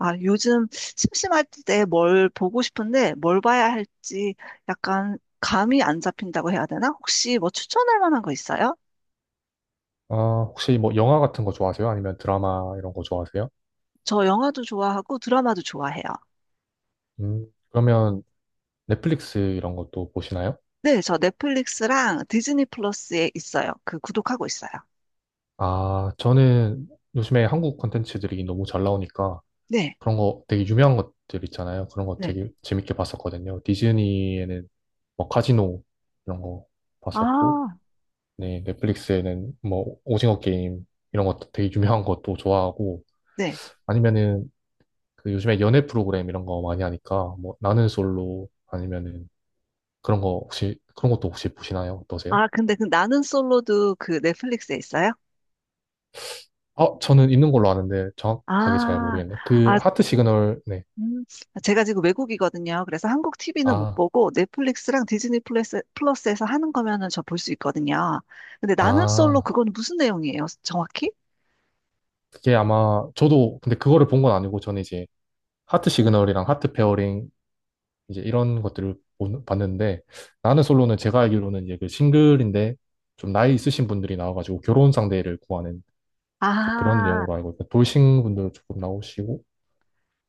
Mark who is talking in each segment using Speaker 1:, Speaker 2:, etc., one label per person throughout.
Speaker 1: 아, 요즘 심심할 때 뭘 보고 싶은데 뭘 봐야 할지 약간 감이 안 잡힌다고 해야 되나? 혹시 뭐 추천할 만한 거 있어요?
Speaker 2: 아, 혹시 뭐 영화 같은 거 좋아하세요? 아니면 드라마 이런 거 좋아하세요?
Speaker 1: 저 영화도 좋아하고 드라마도 좋아해요.
Speaker 2: 그러면 넷플릭스 이런 것도 보시나요?
Speaker 1: 네, 저 넷플릭스랑 디즈니 플러스에 있어요. 그 구독하고 있어요.
Speaker 2: 아, 저는 요즘에 한국 콘텐츠들이 너무 잘 나오니까
Speaker 1: 네,
Speaker 2: 그런 거 되게 유명한 것들 있잖아요. 그런 거
Speaker 1: 네.
Speaker 2: 되게 재밌게 봤었거든요. 디즈니에는 뭐 카지노 이런 거 봤었고,
Speaker 1: 아,
Speaker 2: 네, 넷플릭스에는 뭐 오징어 게임 이런 것도 되게 유명한 것도 좋아하고,
Speaker 1: 네.
Speaker 2: 아니면은 그 요즘에 연애 프로그램 이런 거 많이 하니까 뭐 나는 솔로 아니면은 그런 것도 혹시 보시나요? 어떠세요?
Speaker 1: 아, 근데 그 나는 솔로도 그 넷플릭스에 있어요?
Speaker 2: 아, 저는 있는 걸로 아는데 정확하게 잘
Speaker 1: 아,
Speaker 2: 모르겠네. 그
Speaker 1: 아,
Speaker 2: 하트 시그널, 네.
Speaker 1: 음, 아, 제가 지금 외국이거든요. 그래서 한국 TV는 못
Speaker 2: 아,
Speaker 1: 보고 넷플릭스랑 디즈니 플러스에서 하는 거면은 저 볼 수 있거든요. 근데 나는 솔로
Speaker 2: 아,
Speaker 1: 그건 무슨 내용이에요? 정확히?
Speaker 2: 그게 아마 저도 근데 그거를 본 건 아니고 저는 이제 하트 시그널이랑 하트 페어링 이제 이런 것들을 봤는데 나는 솔로는 제가 알기로는 이제 그 싱글인데 좀 나이 있으신 분들이 나와가지고 결혼 상대를 구하는 이제 그런
Speaker 1: 아,
Speaker 2: 내용으로 알고 있고 돌싱 분들 조금 나오시고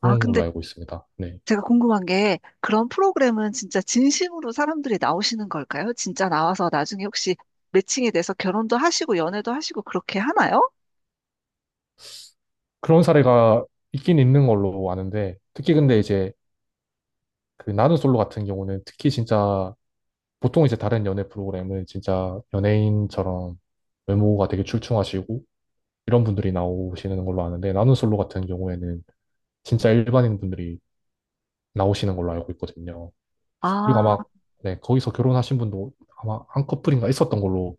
Speaker 1: 아,
Speaker 2: 그런 걸로
Speaker 1: 근데
Speaker 2: 알고 있습니다. 네.
Speaker 1: 제가 궁금한 게 그런 프로그램은 진짜 진심으로 사람들이 나오시는 걸까요? 진짜 나와서 나중에 혹시 매칭이 돼서 결혼도 하시고 연애도 하시고 그렇게 하나요?
Speaker 2: 그런 사례가 있긴 있는 걸로 아는데 특히 근데 이제 그 나는 솔로 같은 경우는 특히 진짜 보통 이제 다른 연애 프로그램은 진짜 연예인처럼 외모가 되게 출중하시고 이런 분들이 나오시는 걸로 아는데 나는 솔로 같은 경우에는 진짜 일반인 분들이 나오시는 걸로 알고 있거든요. 그리고
Speaker 1: 아,
Speaker 2: 아마 네, 거기서 결혼하신 분도 아마 한 커플인가 있었던 걸로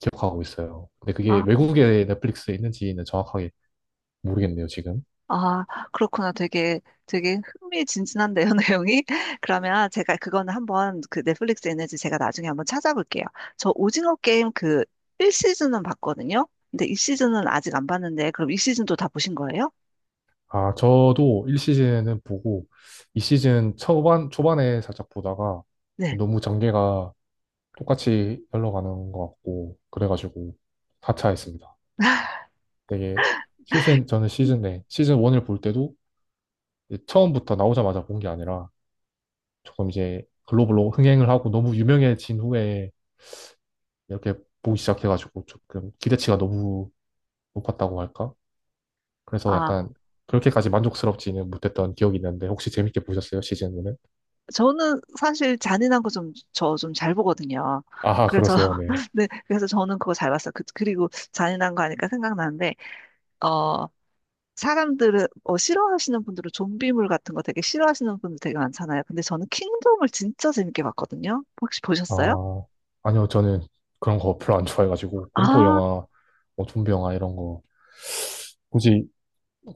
Speaker 2: 기억하고 있어요. 근데 그게
Speaker 1: 아,
Speaker 2: 외국의 넷플릭스에 있는지는 정확하게 모르겠네요, 지금.
Speaker 1: 아, 그렇구나. 되게 흥미진진한데요, 내용이. 그러면 제가 그거는 한번 그 넷플릭스 에너지 제가 나중에 한번 찾아볼게요. 저 오징어 게임 그 1시즌은 봤거든요. 근데 2시즌은 아직 안 봤는데, 그럼 2시즌도 다 보신 거예요?
Speaker 2: 아, 저도 1시즌은 보고 2시즌 초반에 살짝 보다가
Speaker 1: 네.
Speaker 2: 너무 전개가 똑같이 흘러가는 것 같고 그래가지고 4차 했습니다. 되게 시즌 저는 시즌 내 시즌 1을 볼 때도 이제 처음부터 나오자마자 본 게 아니라 조금 이제 글로벌로 흥행을 하고 너무 유명해진 후에 이렇게 보기 시작해가지고 조금 기대치가 너무 높았다고 할까? 그래서
Speaker 1: 아,
Speaker 2: 약간 그렇게까지 만족스럽지는 못했던 기억이 있는데 혹시 재밌게 보셨어요 시즌 1은?
Speaker 1: 저는 사실 잔인한 거 좀, 저 좀 잘 보거든요.
Speaker 2: 아
Speaker 1: 그래서,
Speaker 2: 그러세요 네.
Speaker 1: 네, 그래서 저는 그거 잘 봤어요. 그, 그리고 잔인한 거 하니까 생각나는데, 어, 사람들은 싫어하시는 분들은 좀비물 같은 거 되게 싫어하시는 분들 되게 많잖아요. 근데 저는 킹덤을 진짜 재밌게 봤거든요. 혹시 보셨어요?
Speaker 2: 아 아니요 저는 그런 거 별로 안 좋아해가지고 공포
Speaker 1: 아,
Speaker 2: 영화 뭐 좀비 영화 이런 거 굳이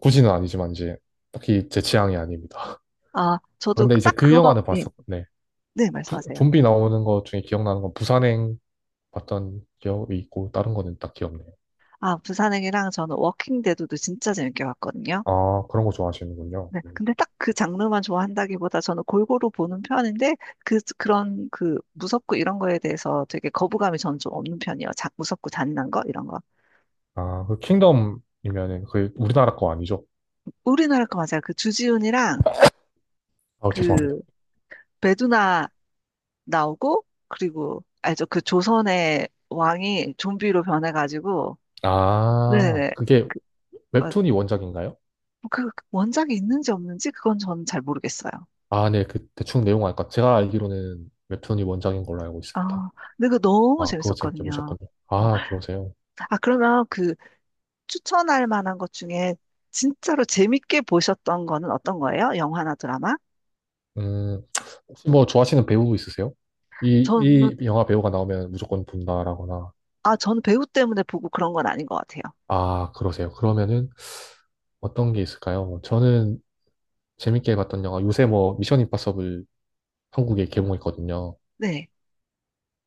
Speaker 2: 굳이는 아니지만 이제 딱히 제 취향이 아닙니다.
Speaker 1: 아, 저도
Speaker 2: 근데 이제
Speaker 1: 딱
Speaker 2: 그
Speaker 1: 그거만
Speaker 2: 영화는
Speaker 1: 예.
Speaker 2: 봤었네.
Speaker 1: 네, 말씀하세요.
Speaker 2: 좀비 나오는 것 중에 기억나는 건 부산행 봤던 기억이 있고 다른 거는 딱 기억나요.
Speaker 1: 아, 부산행이랑 저는 워킹 데드도 진짜 재밌게 봤거든요.
Speaker 2: 아 그런 거 좋아하시는군요.
Speaker 1: 네, 근데 딱 그 장르만 좋아한다기보다 저는 골고루 보는 편인데 그런 무섭고 이런 거에 대해서 되게 거부감이 저는 좀 없는 편이에요. 자, 무섭고 잔인한 거 이런 거.
Speaker 2: 아 그 킹덤이면은 그 우리나라 거 아니죠?
Speaker 1: 우리나라 거 맞아요. 그 주지훈이랑
Speaker 2: 아 죄송합니다.
Speaker 1: 그 배두나 나오고 그리고 알죠? 그 조선의 왕이 좀비로 변해가지고
Speaker 2: 아
Speaker 1: 네네네.
Speaker 2: 그게
Speaker 1: 그, 어,
Speaker 2: 웹툰이 원작인가요?
Speaker 1: 그 원작이 있는지 없는지 그건 저는 잘 모르겠어요.
Speaker 2: 아, 네, 그 대충 내용 알까? 제가 알기로는 웹툰이 원작인 걸로 알고 있습니다.
Speaker 1: 아, 근데 그거 너무
Speaker 2: 아, 그거 재밌게
Speaker 1: 재밌었거든요.
Speaker 2: 보셨군요.
Speaker 1: 어,
Speaker 2: 아, 그러세요.
Speaker 1: 아 그러면 그 추천할 만한 것 중에 진짜로 재밌게 보셨던 거는 어떤 거예요? 영화나 드라마?
Speaker 2: 음, 혹시 뭐 좋아하시는 배우 있으세요? 이,
Speaker 1: 저는
Speaker 2: 이 영화 배우가 나오면 무조건 본다라거나.
Speaker 1: 아, 저는 배우 때문에 보고 그런 건 아닌 것 같아요.
Speaker 2: 아, 그러세요. 그러면은 어떤 게 있을까요? 뭐 저는 재밌게 봤던 영화, 요새 뭐 미션 임파서블 한국에 개봉했거든요.
Speaker 1: 네.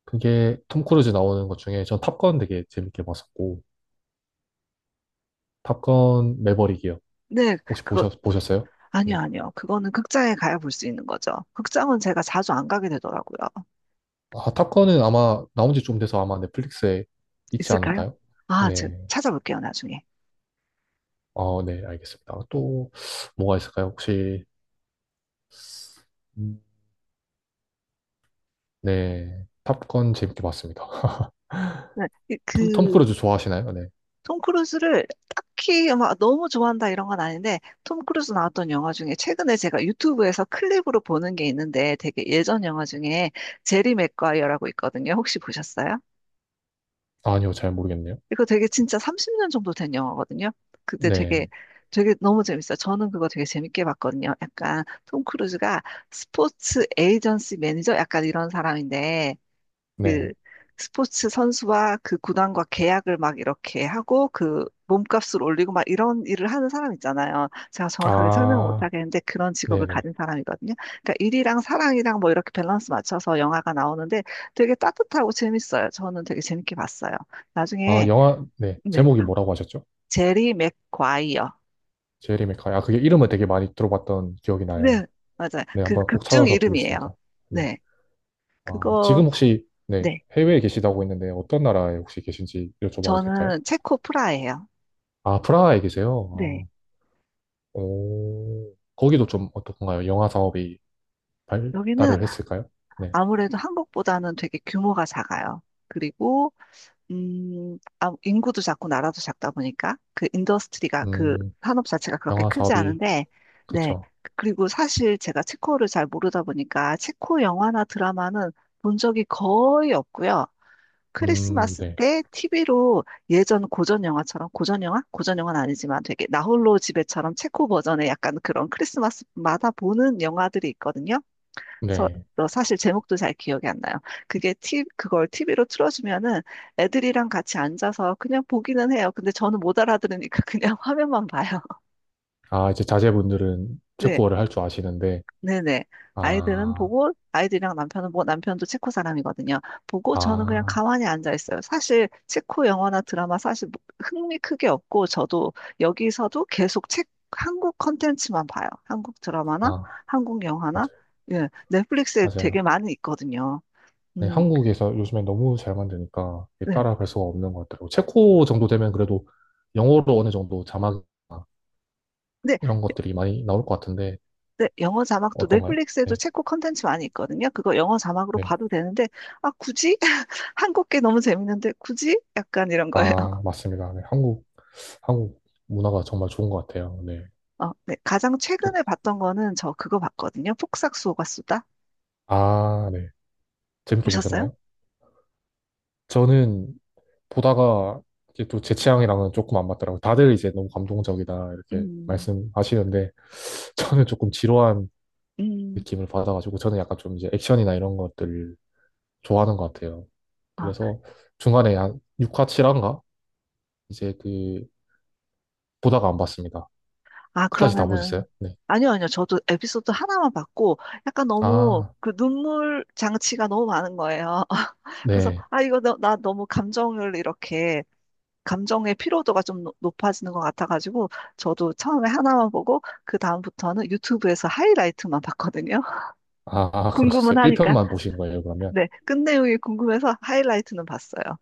Speaker 2: 그게 톰 크루즈 나오는 것 중에 전 탑건 되게 재밌게 봤었고, 탑건 매버릭이요.
Speaker 1: 네, 그거,
Speaker 2: 보셨어요?
Speaker 1: 아니요,
Speaker 2: 네.
Speaker 1: 아니요. 그거는 극장에 가야 볼 수 있는 거죠. 극장은 제가 자주 안 가게 되더라고요.
Speaker 2: 아, 탑건은 아마 나온 지 좀 돼서 아마 넷플릭스에 있지
Speaker 1: 있을까요?
Speaker 2: 않을까요?
Speaker 1: 아, 저
Speaker 2: 네.
Speaker 1: 찾아볼게요, 나중에.
Speaker 2: 어, 네, 알겠습니다. 또 뭐가 있을까요? 혹시 음, 네. 탑건 재밌게 봤습니다.
Speaker 1: 네, 이-
Speaker 2: 톰
Speaker 1: 그,
Speaker 2: 크루즈 좋아하시나요? 네.
Speaker 1: 톰 크루즈를 딱히 막 너무 좋아한다 이런 건 아닌데, 톰 크루즈 나왔던 영화 중에 최근에 제가 유튜브에서 클립으로 보는 게 있는데 되게 예전 영화 중에 제리 맥과이어라고 있거든요. 혹시 보셨어요?
Speaker 2: 아니요, 잘 모르겠네요.
Speaker 1: 이거 되게 진짜 30년 정도 된 영화거든요. 그때 되게
Speaker 2: 네.
Speaker 1: 되게 너무 재밌어요. 저는 그거 되게 재밌게 봤거든요. 약간 톰 크루즈가 스포츠 에이전시 매니저 약간 이런 사람인데 그
Speaker 2: 네.
Speaker 1: 스포츠 선수와 그 구단과 계약을 막 이렇게 하고 그 몸값을 올리고 막 이런 일을 하는 사람 있잖아요. 제가 정확하게 설명을 못
Speaker 2: 아,
Speaker 1: 하겠는데 그런 직업을
Speaker 2: 네네.
Speaker 1: 가진 사람이거든요. 그러니까 일이랑 사랑이랑 뭐 이렇게 밸런스 맞춰서 영화가 나오는데 되게 따뜻하고 재밌어요. 저는 되게 재밌게 봤어요.
Speaker 2: 아,
Speaker 1: 나중에
Speaker 2: 영화, 네.
Speaker 1: 네,
Speaker 2: 제목이 뭐라고 하셨죠?
Speaker 1: 제리 맥과이어.
Speaker 2: 제리 맥카이. 아, 그게 이름을 되게 많이 들어봤던 기억이 나요.
Speaker 1: 네, 맞아요.
Speaker 2: 네,
Speaker 1: 그
Speaker 2: 한번 꼭
Speaker 1: 극중
Speaker 2: 찾아서
Speaker 1: 이름이에요.
Speaker 2: 보겠습니다. 네.
Speaker 1: 네, 그거
Speaker 2: 네.
Speaker 1: 네,
Speaker 2: 해외에 계시다고 했는데 어떤 나라에 혹시 계신지 여쭤봐도 될까요?
Speaker 1: 저는 체코 프라예요.
Speaker 2: 아, 프라하에
Speaker 1: 네.
Speaker 2: 계세요? 아, 오. 거기도 좀 어떻던가요? 영화 사업이
Speaker 1: 여기는
Speaker 2: 발달을 했을까요? 네.
Speaker 1: 아무래도 한국보다는 되게 규모가 작아요. 그리고 인구도 작고 나라도 작다 보니까 그 인더스트리가 그
Speaker 2: 음,
Speaker 1: 산업 자체가 그렇게
Speaker 2: 영화
Speaker 1: 크지
Speaker 2: 사업이,
Speaker 1: 않은데 네.
Speaker 2: 그쵸.
Speaker 1: 그리고 사실 제가 체코를 잘 모르다 보니까 체코 영화나 드라마는 본 적이 거의 없고요. 크리스마스
Speaker 2: 네.
Speaker 1: 때 TV로 예전 고전 영화처럼 고전 영화? 고전 영화는 아니지만 되게 나홀로 집에처럼 체코 버전의 약간 그런 크리스마스마다 보는 영화들이 있거든요. 서,
Speaker 2: 네.
Speaker 1: 너 사실 제목도 잘 기억이 안 나요. 그게 티, 그걸 TV로 틀어주면은 애들이랑 같이 앉아서 그냥 보기는 해요. 근데 저는 못 알아들으니까 그냥 화면만 봐요.
Speaker 2: 아, 이제 자제분들은
Speaker 1: 네,
Speaker 2: 체코어를 할 줄 아시는데,
Speaker 1: 네네. 아이들은
Speaker 2: 아,
Speaker 1: 보고, 아이들이랑 남편은 뭐, 남편도 체코 사람이거든요. 보고 저는 그냥
Speaker 2: 아,
Speaker 1: 가만히 앉아 있어요. 사실 체코 영화나 드라마 사실 뭐 흥미 크게 없고, 저도 여기서도 계속 책, 한국 컨텐츠만 봐요. 한국 드라마나
Speaker 2: 아,
Speaker 1: 한국 영화나,
Speaker 2: 맞아요.
Speaker 1: 예, 넷플릭스에 되게
Speaker 2: 맞아요.
Speaker 1: 많이 있거든요.
Speaker 2: 네,
Speaker 1: 음.
Speaker 2: 한국에서 요즘에 너무 잘 만드니까 이게
Speaker 1: 네.
Speaker 2: 따라갈 수가 없는 것 같더라고요. 체코 정도 되면 그래도 영어로 어느 정도 자막
Speaker 1: 근데
Speaker 2: 이런 것들이 많이 나올 것 같은데,
Speaker 1: 네, 영어 자막도
Speaker 2: 어떤가요?
Speaker 1: 넷플릭스에도
Speaker 2: 네,
Speaker 1: 체코 컨텐츠 많이 있거든요. 그거 영어 자막으로
Speaker 2: 네.
Speaker 1: 봐도 되는데, 아, 굳이? 한국 게 너무 재밌는데, 굳이? 약간 이런 거예요.
Speaker 2: 아, 맞습니다. 네, 한국 문화가 정말 좋은 것 같아요. 네.
Speaker 1: 어, 네. 가장
Speaker 2: 또,
Speaker 1: 최근에 봤던 거는 저 그거 봤거든요. 폭삭소가 수다.
Speaker 2: 아, 네. 재밌게
Speaker 1: 보셨어요?
Speaker 2: 보셨나요? 저는 보다가 이게 또 제 취향이랑은 조금 안 맞더라고요. 다들 이제 너무 감동적이다 이렇게
Speaker 1: 음,
Speaker 2: 말씀하시는데 저는 조금 지루한
Speaker 1: 음.
Speaker 2: 느낌을 받아가지고 저는 약간 좀 이제 액션이나 이런 것들을 좋아하는 것 같아요.
Speaker 1: 아,
Speaker 2: 그래서 중간에 한 6화, 7화인가? 이제 그 보다가 안 봤습니다.
Speaker 1: 아,
Speaker 2: 끝까지 다 보셨어요?
Speaker 1: 그러면은.
Speaker 2: 네.
Speaker 1: 아니요. 저도 에피소드 하나만 봤고, 약간 너무
Speaker 2: 아,
Speaker 1: 그 눈물 장치가 너무 많은 거예요. 그래서,
Speaker 2: 네.
Speaker 1: 아, 이거 너, 나 너무 감정을 이렇게 감정의 피로도가 좀 노- 높아지는 것 같아가지고 저도 처음에 하나만 보고 그 다음부터는 유튜브에서 하이라이트만 봤거든요. 궁금은
Speaker 2: 그러셨어요.
Speaker 1: 하니까.
Speaker 2: 1편만 보신 거예요, 그러면?
Speaker 1: 네, 끝 내용이 궁금해서 하이라이트는 봤어요.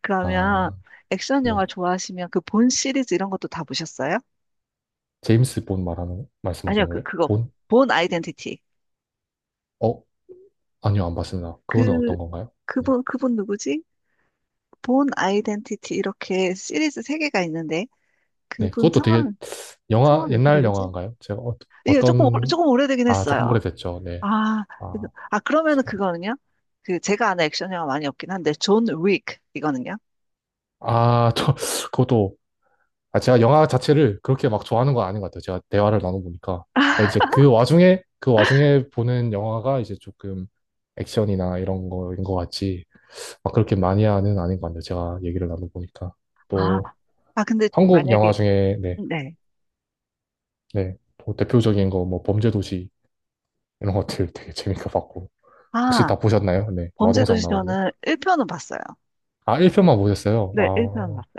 Speaker 1: 그러면
Speaker 2: 아,
Speaker 1: 액션 영화
Speaker 2: 네.
Speaker 1: 좋아하시면 그 본 시리즈 이런 것도 다 보셨어요?
Speaker 2: 제임스 본 말하는
Speaker 1: 아니요,
Speaker 2: 말씀하신
Speaker 1: 그
Speaker 2: 거예요?
Speaker 1: 그거
Speaker 2: 본?
Speaker 1: 본 아이덴티티.
Speaker 2: 어? 아니요, 안 봤습니다. 그거는
Speaker 1: 그
Speaker 2: 어떤 건가요? 네.
Speaker 1: 그분 누구지? 본 아이덴티티 이렇게 시리즈 세 개가 있는데
Speaker 2: 네,
Speaker 1: 그분
Speaker 2: 그것도 되게
Speaker 1: 성함
Speaker 2: 영화,
Speaker 1: 성함이 어떻게
Speaker 2: 옛날
Speaker 1: 되지?
Speaker 2: 영화인가요? 제가 어,
Speaker 1: 예, 조금 오-
Speaker 2: 떤
Speaker 1: 조금 오래되긴
Speaker 2: 아, 조금
Speaker 1: 했어요.
Speaker 2: 오래됐죠. 네.
Speaker 1: 아, 그래서-
Speaker 2: 아,
Speaker 1: 아, 그러면은
Speaker 2: 제가,
Speaker 1: 그거는요? 그, 제가 아는 액션 영화 많이 없긴 한데, 존 윅, 이거는요?
Speaker 2: 아, 그것도, 아, 제가 영화 자체를 그렇게 막 좋아하는 건 아닌 것 같아요. 제가 대화를 나눠보니까. 그러니까 이제 그 와중에 보는 영화가 이제 조금 액션이나 이런 거인 것 같지, 막 그렇게 마니아는 아닌 것 같네요. 제가 얘기를 나눠보니까.
Speaker 1: 아,
Speaker 2: 또,
Speaker 1: 아, 근데
Speaker 2: 한국 영화
Speaker 1: 만약에,
Speaker 2: 중에, 네,
Speaker 1: 네.
Speaker 2: 네, 또 대표적인 거, 뭐, 범죄도시 이런 것들 되게 재밌게 봤고. 혹시
Speaker 1: 아,
Speaker 2: 다 보셨나요? 네, 마동석
Speaker 1: 범죄도시
Speaker 2: 나오는.
Speaker 1: 저는 1편은 봤어요.
Speaker 2: 아, 1편만 보셨어요?
Speaker 1: 네, 1편 봤어요.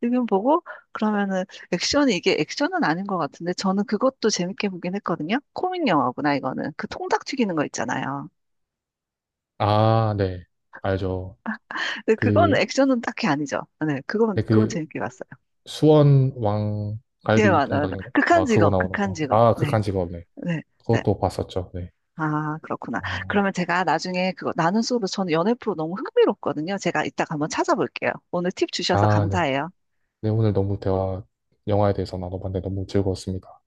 Speaker 1: 일편 보고, 그러면은, 액션이, 이게 액션은 아닌 것 같은데, 저는 그것도 재밌게 보긴 했거든요? 코믹 영화구나, 이거는. 그 통닭 튀기는 거 있잖아요.
Speaker 2: 아, 네. 알죠.
Speaker 1: 근데 그건
Speaker 2: 그,
Speaker 1: 액션은 딱히 아니죠. 네, 그건,
Speaker 2: 네,
Speaker 1: 그거
Speaker 2: 그,
Speaker 1: 재밌게 봤어요.
Speaker 2: 수원
Speaker 1: 예,
Speaker 2: 왕갈비
Speaker 1: 맞아요.
Speaker 2: 동닭인가?
Speaker 1: 극한
Speaker 2: 막 그거
Speaker 1: 직업,
Speaker 2: 나오는
Speaker 1: 극한
Speaker 2: 거.
Speaker 1: 직업.
Speaker 2: 아,
Speaker 1: 네,
Speaker 2: 극한 직업, 네.
Speaker 1: 네, 네.
Speaker 2: 그것도 봤었죠, 네.
Speaker 1: 아, 그렇구나.
Speaker 2: 어,
Speaker 1: 그러면 제가 나중에 그거 나는 수업을 저는 연애 프로 너무 흥미롭거든요. 제가 이따가 한번 찾아볼게요. 오늘 팁 주셔서
Speaker 2: 아, 네.
Speaker 1: 감사해요.
Speaker 2: 네, 오늘 너무 대화, 영화에 대해서 나눠봤는데 너무 즐거웠습니다.